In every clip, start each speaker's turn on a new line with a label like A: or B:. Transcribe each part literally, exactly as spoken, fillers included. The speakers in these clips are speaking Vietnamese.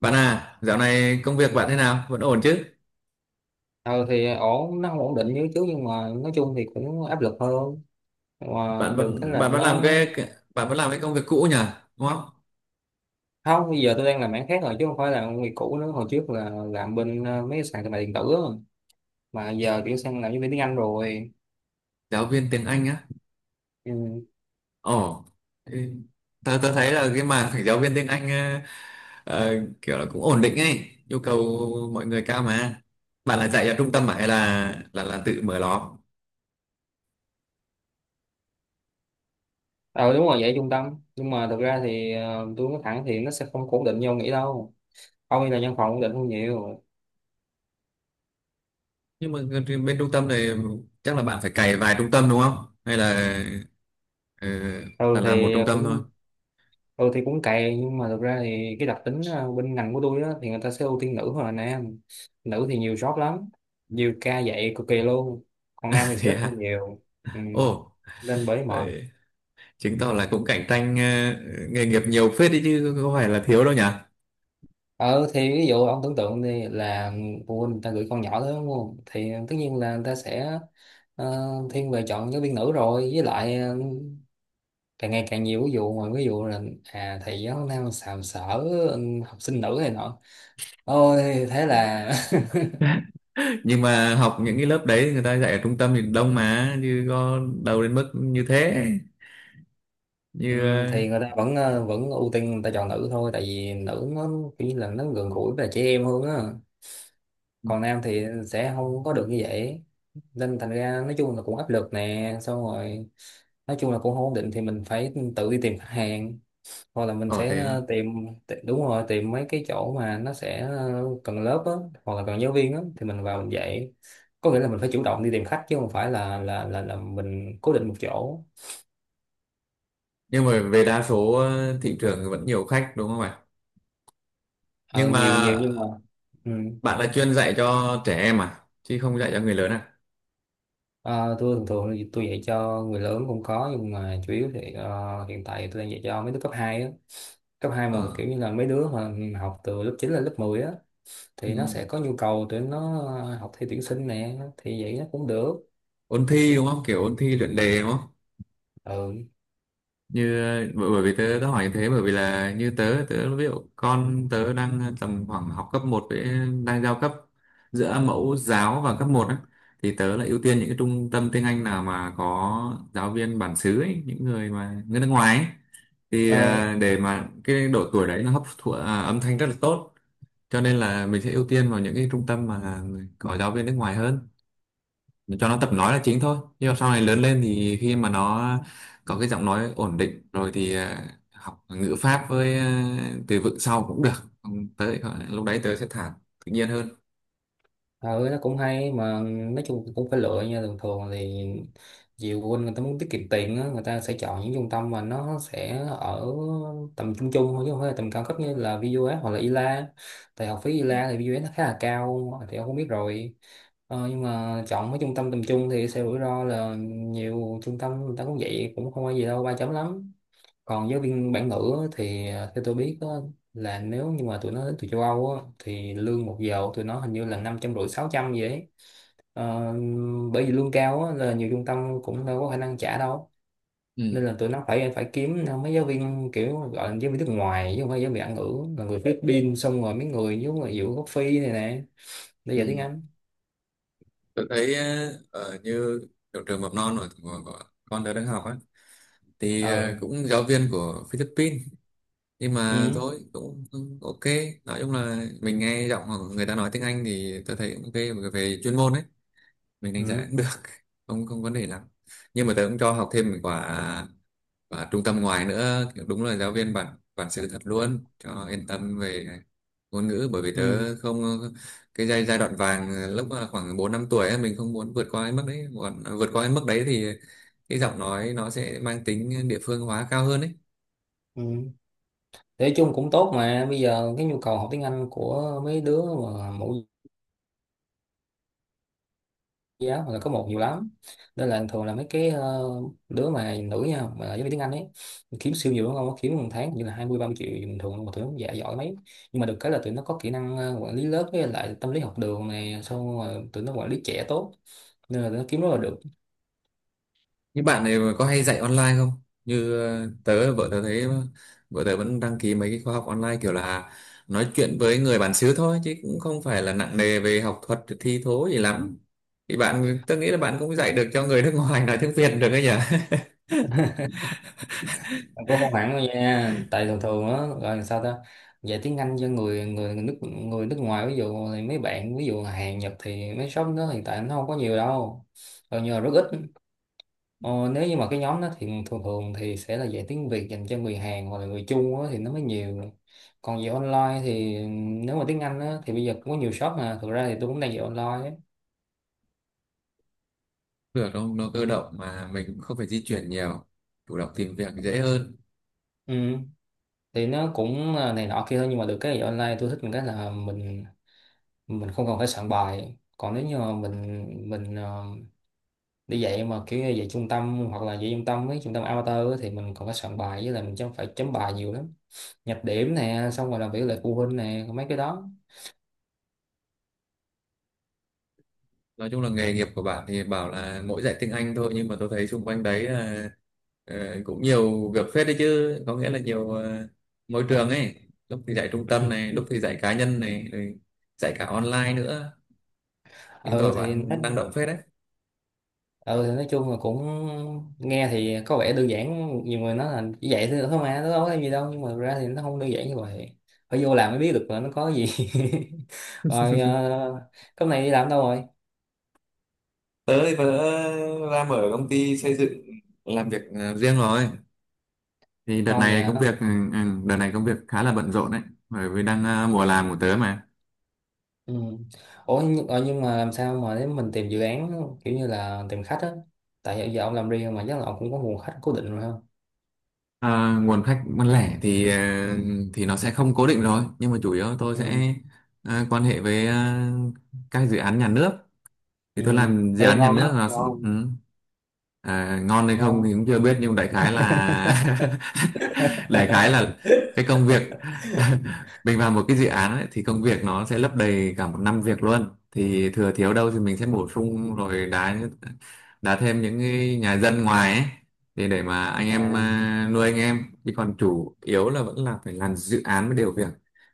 A: Bạn à, dạo này công việc bạn thế nào? Vẫn ổn chứ?
B: Ờ thì ổn, nó không ổn định như trước nhưng mà nói chung thì cũng áp lực hơn. Mà
A: Bạn
B: được cái
A: vẫn
B: là
A: bạn vẫn làm
B: nó.
A: cái cái- bạn vẫn làm cái công việc cũ nhỉ? Đúng không?
B: Không, bây giờ tôi đang làm mảng khác rồi chứ không phải là công việc cũ nữa. Hồi trước là làm bên ờ, mấy cái sàn thương mại điện tử á. Mà giờ chuyển sang làm nhân viên tiếng Anh rồi.
A: Giáo viên tiếng Anh á.
B: Ừ.
A: Ồ. Ừ. Tớ tớ thấy là cái mảng phải giáo viên tiếng Anh, ờ, ờ, kiểu là cũng ổn định ấy, yêu cầu mọi người cao mà. Bạn là dạy ở trung tâm mà hay là là là tự mở lò?
B: Ờ, đúng rồi, vậy trung tâm nhưng mà thực ra thì ờ, tôi nói thẳng thì nó sẽ không ổn định như ông nghĩ đâu. Ông đi là văn phòng ổn định hơn nhiều.
A: Nhưng mà bên trung tâm này chắc là bạn phải cày vài trung tâm đúng không? Hay là ờ, là
B: ừ thì
A: làm một trung tâm thôi?
B: cũng ừ thì cũng cày nhưng mà thực ra thì cái đặc tính ờ, bên ngành của tôi á thì người ta sẽ ưu tiên nữ hơn là nam. Nữ thì nhiều job lắm, nhiều ca dạy cực kỳ luôn. Còn nam thì sẽ
A: Thế
B: ít
A: à?
B: hơn nhiều. Ừ.
A: Ồ.
B: Nên bởi mệt.
A: Chứng tỏ là cũng cạnh tranh, ờ, nghề nghiệp nhiều phết đấy chứ có phải là thiếu đâu nhỉ.
B: Ờ thì ví dụ ông tưởng tượng đi là phụ huynh người ta gửi con nhỏ tới đúng không, thì tất nhiên là người ta sẽ ờ, thiên về chọn giáo viên nữ rồi, với lại ờ, càng ngày càng nhiều ví dụ, ngoài ví dụ là à thầy giáo nam sàm sỡ, ừ, học sinh nữ này nọ, ôi thế là
A: Nhưng mà học những cái lớp đấy thì người ta dạy ở trung tâm thì đông mà chứ có đâu đến mức như thế,
B: Ừ,
A: như ờ
B: thì người ta vẫn ờ, vẫn ưu tiên người ta chọn nữ thôi, tại vì nữ nó khi là nó gần gũi với trẻ em hơn á. Còn nam thì sẽ không có được như vậy. Nên thành ra nói chung là cũng áp lực nè, xong rồi nói chung là cũng không ổn định, thì mình phải tự đi tìm khách hàng, hoặc là mình
A: ờ,
B: sẽ
A: thế thôi.
B: ờ, tìm. Ti- đúng rồi, tìm mấy cái chỗ mà nó sẽ ờ, cần lớp á, hoặc là cần giáo viên á thì mình vào mình dạy. Có nghĩa là mình phải chủ động đi tìm khách chứ không phải là là là, là mình cố định một chỗ.
A: Nhưng mà về đa số, ờ, thị trường thì vẫn nhiều khách đúng không ạ?
B: ờ,
A: Nhưng
B: Nhiều nhiều
A: mà
B: nhưng mà. Ừ.
A: bạn là chuyên dạy cho trẻ em à chứ không dạy cho người lớn à?
B: Ờ, tôi thường thường thì tôi dạy cho người lớn cũng có nhưng mà chủ yếu thì ờ, hiện tại tôi đang dạy cho mấy đứa cấp hai á. Cấp hai
A: ờ
B: mà kiểu như là mấy đứa mà học từ lớp chín lên lớp mười á,
A: ừ.
B: thì nó sẽ có nhu cầu để nó học thi tuyển sinh nè thì vậy nó cũng được.
A: Ôn thi đúng không, kiểu ôn thi luyện đề đúng không?
B: Ừ.
A: Như ờ, bởi bởi vì tớ đã hỏi như thế, bởi vì là như tớ tớ ví dụ con tớ đang tầm khoảng học cấp một, với đang giao cấp giữa mẫu giáo và cấp một á, thì tớ lại ưu tiên những cái trung tâm tiếng Anh nào mà có giáo viên bản xứ ấy, những người mà người nước ngoài ấy. Thì
B: Ờ,
A: ờ, để mà cái độ tuổi đấy nó hấp thụ, à, âm thanh rất là tốt, cho nên là mình sẽ ưu tiên vào những cái trung tâm mà có giáo viên nước ngoài hơn, cho nó tập nói là chính thôi. Nhưng mà sau này lớn lên thì khi mà nó có cái giọng nói ổn định rồi thì, ờ, học ngữ pháp với, ờ, từ vựng sau cũng được. Không, tới lúc đấy tớ sẽ thả tự nhiên hơn.
B: ừ nó cũng hay mà nói chung cũng phải lựa nha. Thường thường thì nhiều phụ huynh người ta muốn tiết kiệm tiền á, người ta sẽ chọn những trung tâm mà nó sẽ ở tầm trung trung thôi chứ không phải là tầm cao cấp như là vê u ét hoặc là ILA. Tại học phí ILA thì vê u ét nó khá là cao thì ông không biết rồi. Ờ, nhưng mà chọn mấy trung tâm tầm trung thì sẽ rủi ro, là nhiều trung tâm người ta cũng vậy cũng không có gì đâu ba chấm lắm. Còn giáo viên bản ngữ thì à, theo tôi biết á, là nếu như mà tụi nó đến từ châu Âu á, thì lương một giờ của tụi nó hình như là năm trăm rưỡi sáu trăm vậy ấy. Ờ, bởi vì lương cao á, là nhiều trung tâm cũng đâu có khả năng trả đâu, nên
A: Ừ.
B: là tụi nó phải phải kiếm mấy giáo viên kiểu gọi là giáo viên nước ngoài chứ không phải giáo viên bản ngữ, là người Philippines xong rồi mấy người giống là giữa gốc Phi này nè để
A: Ừ.
B: dạy tiếng Anh.
A: Tớ thấy, ờ, ở như trường trường mầm non của, của, của con tớ đang học á, thì
B: Ờ.
A: ờ, cũng giáo viên của Philippines. Nhưng mà
B: Ừ.
A: thôi cũng cũng ok. Nói chung là mình nghe giọng người ta nói tiếng Anh thì tớ thấy cũng ok về chuyên môn ấy, mình đánh giá
B: Ừ.
A: cũng được. không không vấn đề lắm. Nhưng mà tớ cũng cho học thêm một quả, quả trung tâm ngoài nữa kiểu đúng là giáo viên bản bản sự thật luôn cho yên tâm về ngôn ngữ, bởi vì
B: Ừ.
A: tớ không. Cái giai giai đoạn vàng lúc mà khoảng bốn năm tuổi ấy, mình không muốn vượt qua cái mức đấy, còn vượt qua cái mức đấy thì cái giọng nói nó sẽ mang tính địa phương hóa cao hơn ấy.
B: Ừ. Nói chung cũng tốt mà bây giờ cái nhu cầu học tiếng Anh của mấy đứa mà mẫu giáo hoặc là có một nhiều lắm, nên là thường là mấy cái ờ, đứa mà nữ nha mà giáo viên tiếng Anh ấy kiếm siêu nhiều đúng không, kiếm một tháng như là hai mươi ba mươi triệu bình thường, mà tụi nó dạ giỏi mấy. Nhưng mà được cái là tụi nó có kỹ năng ờ, quản lý lớp với lại tâm lý học đường này, xong rồi tụi nó quản lý trẻ tốt, nên là tụi nó kiếm rất là được.
A: Những bạn này có hay dạy online không? Như ờ, tớ, vợ tớ thấy vợ tớ vẫn đăng ký mấy cái khóa học online kiểu là nói chuyện với người bản xứ thôi chứ cũng không phải là nặng nề về học thuật thi thố gì lắm. Thì bạn, tớ nghĩ là bạn cũng dạy được cho người nước ngoài nói tiếng Việt được đấy nhỉ?
B: Mà cũng không hẳn đâu nha, tại thường thường á gọi là sao ta, dạy tiếng Anh cho người người người nước người nước ngoài ví dụ thì mấy bạn ví dụ Hàn Nhật thì mấy shop đó hiện tại nó không có nhiều đâu, gần như là rất ít. Ờ, nếu như mà cái nhóm đó thì thường thường thì sẽ là dạy tiếng Việt dành cho người Hàn hoặc là người Trung á, thì nó mới nhiều. Còn dạy online thì nếu mà tiếng Anh á, thì bây giờ cũng có nhiều shop, mà thực ra thì tôi cũng đang dạy online á.
A: Được không? Nó cơ động mà mình cũng không phải di chuyển nhiều, chủ động tìm việc dễ hơn.
B: Ừ. Thì nó cũng là này nọ kia thôi nhưng mà được cái dạy online tôi thích một cái là mình mình không cần phải soạn bài. Còn nếu như mà mình mình ờ, đi dạy mà kiểu như dạy trung tâm hoặc là dạy trung tâm với trung tâm amateur á, thì mình còn phải soạn bài với lại mình chấm phải chấm bài nhiều lắm. Nhập điểm nè xong rồi làm việc lại phụ huynh nè mấy cái đó.
A: Nói chung là nghề nghiệp của bạn thì bảo là mỗi giải tiếng Anh thôi, nhưng mà tôi thấy xung quanh đấy là, ờ, cũng nhiều việc phết đấy, chứ có nghĩa là nhiều, ờ, môi trường ấy, lúc thì dạy trung tâm này lúc thì dạy cá nhân này rồi dạy cả online nữa. Chứng
B: Ừ
A: tỏ
B: thì nó.
A: bạn năng động phết đấy.
B: Ừ thì nói chung là cũng nghe thì có vẻ đơn giản. Nhiều người nói là chỉ vậy thôi thôi mà nó đâu có cái gì đâu, nhưng mà thực ra thì nó không đơn giản như vậy. Phải vô làm mới biết được là nó có gì. Rồi. uh, cái này đi làm đâu rồi?
A: Tớ thì tớ ra mở công ty xây dựng làm việc, ờ, riêng rồi. Thì đợt
B: Ngon vậy
A: này công
B: hả?
A: việc, ừ, ừ, đợt này công việc khá là bận rộn đấy, bởi vì đang, ờ, mùa
B: Ừ.
A: làm của tớ mà.
B: Ừ. Ủa nhưng, ờ, nhưng mà làm sao mà để mình tìm dự án, kiểu như là tìm khách á, tại giờ giờ ông làm riêng mà chắc là ông cũng có nguồn khách cố định rồi không?
A: À, nguồn khách bán lẻ thì, ờ, thì nó sẽ không cố định rồi, nhưng mà chủ yếu tôi
B: Ừ.
A: sẽ, ờ, quan hệ với, ờ, các dự án nhà nước. Thì
B: Ừ.
A: tôi làm dự
B: Ê,
A: án nhà
B: ngon
A: nước
B: đó,
A: là.
B: ngon
A: Ừ. À, ngon hay không thì
B: ngon.
A: cũng chưa biết, nhưng đại khái là đại khái là cái công việc, mình vào một cái dự án ấy, thì công việc nó sẽ lấp đầy cả một năm việc luôn. Thì thừa thiếu đâu thì mình sẽ bổ sung rồi đá, đá thêm những cái nhà dân ngoài ấy, thì để mà anh
B: À.
A: em, à, nuôi anh em, chứ còn chủ yếu là vẫn là phải làm dự án với điều việc.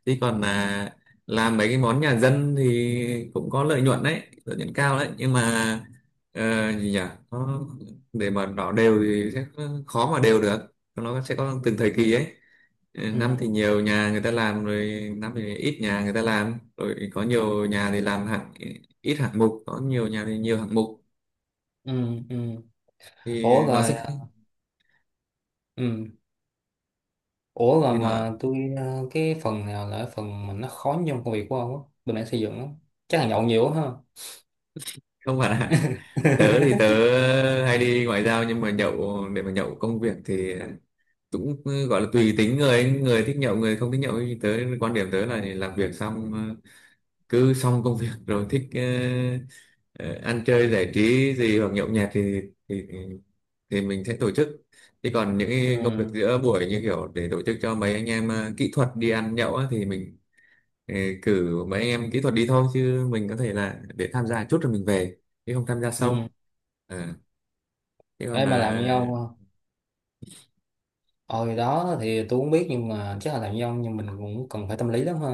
A: Chứ còn, à, làm mấy cái món nhà dân thì cũng có lợi nhuận đấy, lợi nhuận cao đấy, nhưng mà, ờ, gì nhỉ, nó để mà đỏ đều thì sẽ khó mà đều được, nó sẽ có
B: Ừ.
A: từng thời kỳ ấy. Ừ, năm thì
B: Ừ.
A: nhiều nhà người ta làm rồi, năm thì ít nhà người ta làm rồi, có
B: Ừ.
A: nhiều nhà thì làm hạng ít hạng mục, có nhiều nhà thì nhiều hạng mục
B: Ừ. Ừ.
A: thì
B: Ủa
A: nó sẽ,
B: rồi. Ừ. Ủa
A: thì
B: rồi
A: nó
B: mà tôi, ờ, cái phần nào là phần mà nó khó nhất trong công việc của ông á, bên mảng xây dựng lắm? Chắc là nhậu nhiều quá ha?
A: không phải là. Tớ thì tớ hay đi ngoại giao, nhưng mà nhậu để mà nhậu công việc thì cũng, ừ, gọi là tùy tính người ấy. Người thích nhậu người không thích nhậu, thì tớ quan điểm tớ là làm việc xong, ờ, cứ xong công việc rồi thích, ờ, ờ, ăn chơi giải trí gì hoặc nhậu nhẹt thì thì thì mình sẽ tổ chức. Chứ còn những cái công việc
B: Ừ.
A: giữa buổi như kiểu để tổ chức cho mấy anh em, ờ, kỹ thuật đi ăn nhậu á, thì mình, ờ, cử mấy em kỹ thuật đi thôi, chứ mình có thể là để tham gia chút rồi mình về, chứ không tham gia
B: Ừ.
A: sâu. À, thế còn
B: Em
A: là,
B: mà làm như ông à? Ôi đó thì tôi cũng biết nhưng mà chắc là làm nhân, nhưng mình cũng cần phải tâm lý lắm ha.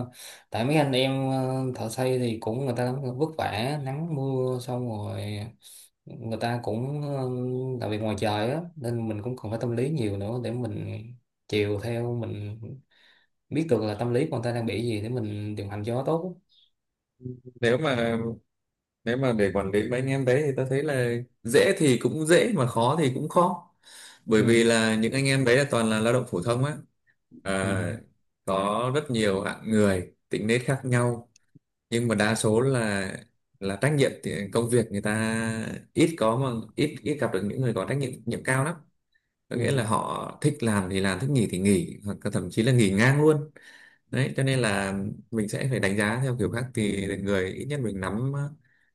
B: Tại mấy anh em ờ, thợ xây thì cũng người ta cũng vất vả nắng mưa xong rồi người ta cũng ờ, làm việc ngoài trời á, nên mình cũng cần phải tâm lý nhiều nữa để mình chiều theo, mình biết được là tâm lý của người ta đang bị gì để mình điều hành cho nó tốt.
A: nếu mà nếu mà để quản lý mấy anh em đấy thì tôi thấy là dễ thì cũng dễ mà khó thì cũng khó, bởi vì
B: Ừ.
A: là những anh em đấy là toàn là lao động phổ thông á.
B: Ừ.
A: À, có rất nhiều hạng người tính nết khác nhau, nhưng mà đa số là là trách nhiệm thì công việc người ta ít có, mà ít ít gặp được những người có trách nhiệm nhiệm cao lắm. Có
B: Ừ.
A: nghĩa là họ thích làm thì làm, thích nghỉ thì nghỉ, hoặc là thậm chí là nghỉ ngang luôn. Đấy cho nên là mình sẽ phải đánh giá theo kiểu khác, thì người ít nhất mình nắm, ờ,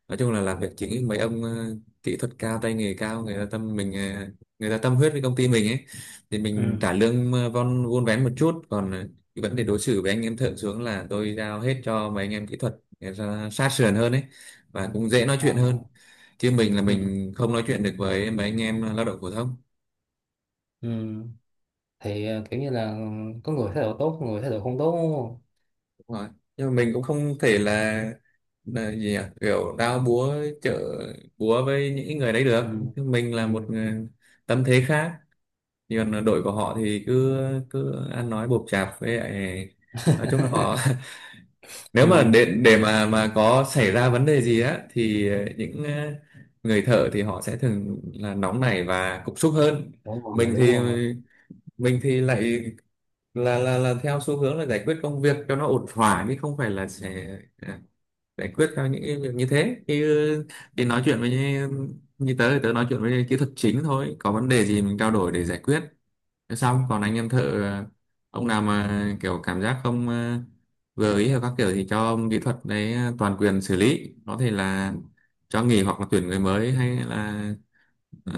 A: nói chung là làm việc chính ấy, mấy ông, ờ, kỹ thuật cao tay nghề cao, người ta tâm mình, ờ, người ta tâm huyết với công ty mình ấy thì mình
B: Ừ.
A: trả lương, ờ, von vốn vén một chút, còn, ờ, cái vấn đề đối xử với anh em thượng xuống là tôi giao hết cho mấy anh em kỹ thuật, người ta sát sườn hơn ấy và cũng dễ nói
B: Ờ.
A: chuyện hơn. Chứ mình là
B: Ừ.
A: mình không nói chuyện được với mấy anh em lao động phổ thông.
B: Ừ. Thì ờ, kiểu như là có người thái độ tốt, người thái độ không tốt đúng không?
A: Đúng rồi. Nhưng mà mình cũng không thể là, là gì nhỉ? Kiểu đao búa chợ búa với những người đấy được.
B: Ừ.
A: Mình là một
B: Ừ.
A: người tâm thế khác. Còn đội của họ thì cứ cứ ăn nói bộp chạp, với lại nói chung là họ nếu
B: Ừ.
A: mà để để mà mà có xảy ra vấn đề gì á thì những, ờ, người thợ thì họ sẽ thường là nóng nảy và cục súc hơn.
B: Đúng rồi
A: Mình
B: đúng
A: thì
B: rồi.
A: mình thì lại là là là theo xu hướng là giải quyết công việc cho nó ổn thỏa, chứ không phải là sẽ, à, giải quyết theo những cái việc như thế thì, ừ, thì nói chuyện với như, như tớ thì tớ nói chuyện với kỹ thuật chính thôi, có vấn đề gì mình trao đổi để giải quyết. Thế xong còn anh em thợ, à, ông nào mà kiểu cảm giác không, à, vừa ý hay các kiểu thì cho ông kỹ thuật đấy, à, toàn quyền xử lý, có thể là cho nghỉ hoặc là tuyển người mới, hay là, ờ,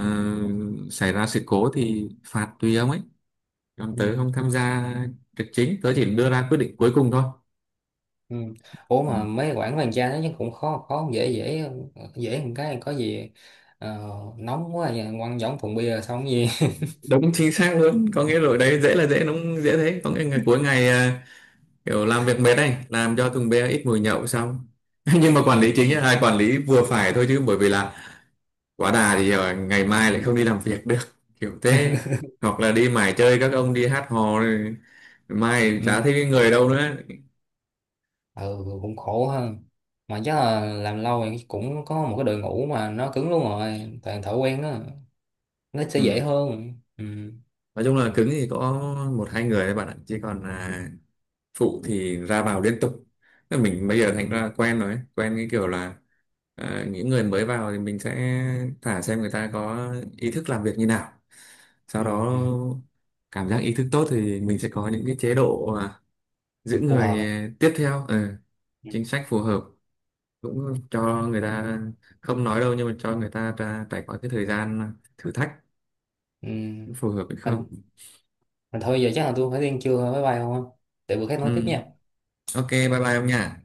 A: xảy ra sự cố thì phạt tùy ông ấy. Còn
B: Ừ.
A: tớ không tham gia trực chính, tớ chỉ đưa ra quyết định cuối cùng thôi.
B: Ừ. Ủa
A: Ừ.
B: mà mấy quảng hoàng gia nó chắc cũng khó khó dễ dễ. Dễ một cái có gì, ờ, nóng quá vậy, quăng giống thùng bia xong cái gì.
A: Đúng chính xác luôn, có nghĩa rồi đấy, dễ là dễ, nó dễ thế, có nghĩa là cuối ngày, à, kiểu làm việc mệt này làm cho thùng bia ít mùi nhậu xong. Nhưng mà quản lý
B: Ừ.
A: chính là ai quản lý vừa phải thôi chứ, bởi vì là quá đà thì, à, ngày mai lại không đi làm việc được, kiểu thế. Hoặc là đi mải chơi, các ông đi hát hò rồi mai chả
B: Ừ.
A: thấy người đâu nữa.
B: Ừ, cũng khổ ha. Mà chắc là làm lâu thì cũng có một cái đội ngũ mà nó cứng luôn rồi toàn thợ quen đó, nó sẽ dễ
A: Ừ.
B: hơn. Ừ.
A: Nói chung là cứng thì có một hai người thôi bạn ạ, chứ còn, à, phụ thì ra vào liên tục. Thế mình bây giờ thành
B: Ừ.
A: ra quen rồi ấy. Quen cái kiểu là, à, những người mới vào thì mình sẽ thả xem người ta có ý thức làm việc như nào, sau
B: Ừ.
A: đó
B: Ừ.
A: cảm giác ý thức tốt thì mình sẽ có những cái chế độ, à, giữ
B: Phù hợp
A: người
B: á.
A: tiếp theo, ừ,
B: Ừ.
A: chính sách phù hợp, cũng cho người ta không nói đâu, nhưng mà cho người ta ra trải qua cái thời gian thử thách
B: Ừ.
A: phù hợp hay
B: Mà,
A: không.
B: mà thôi giờ chắc là tôi phải đi ăn trưa rồi bye bye không á. Để bữa khác
A: Ừ.
B: nói tiếp nha.
A: Ok, bye bye ông nha.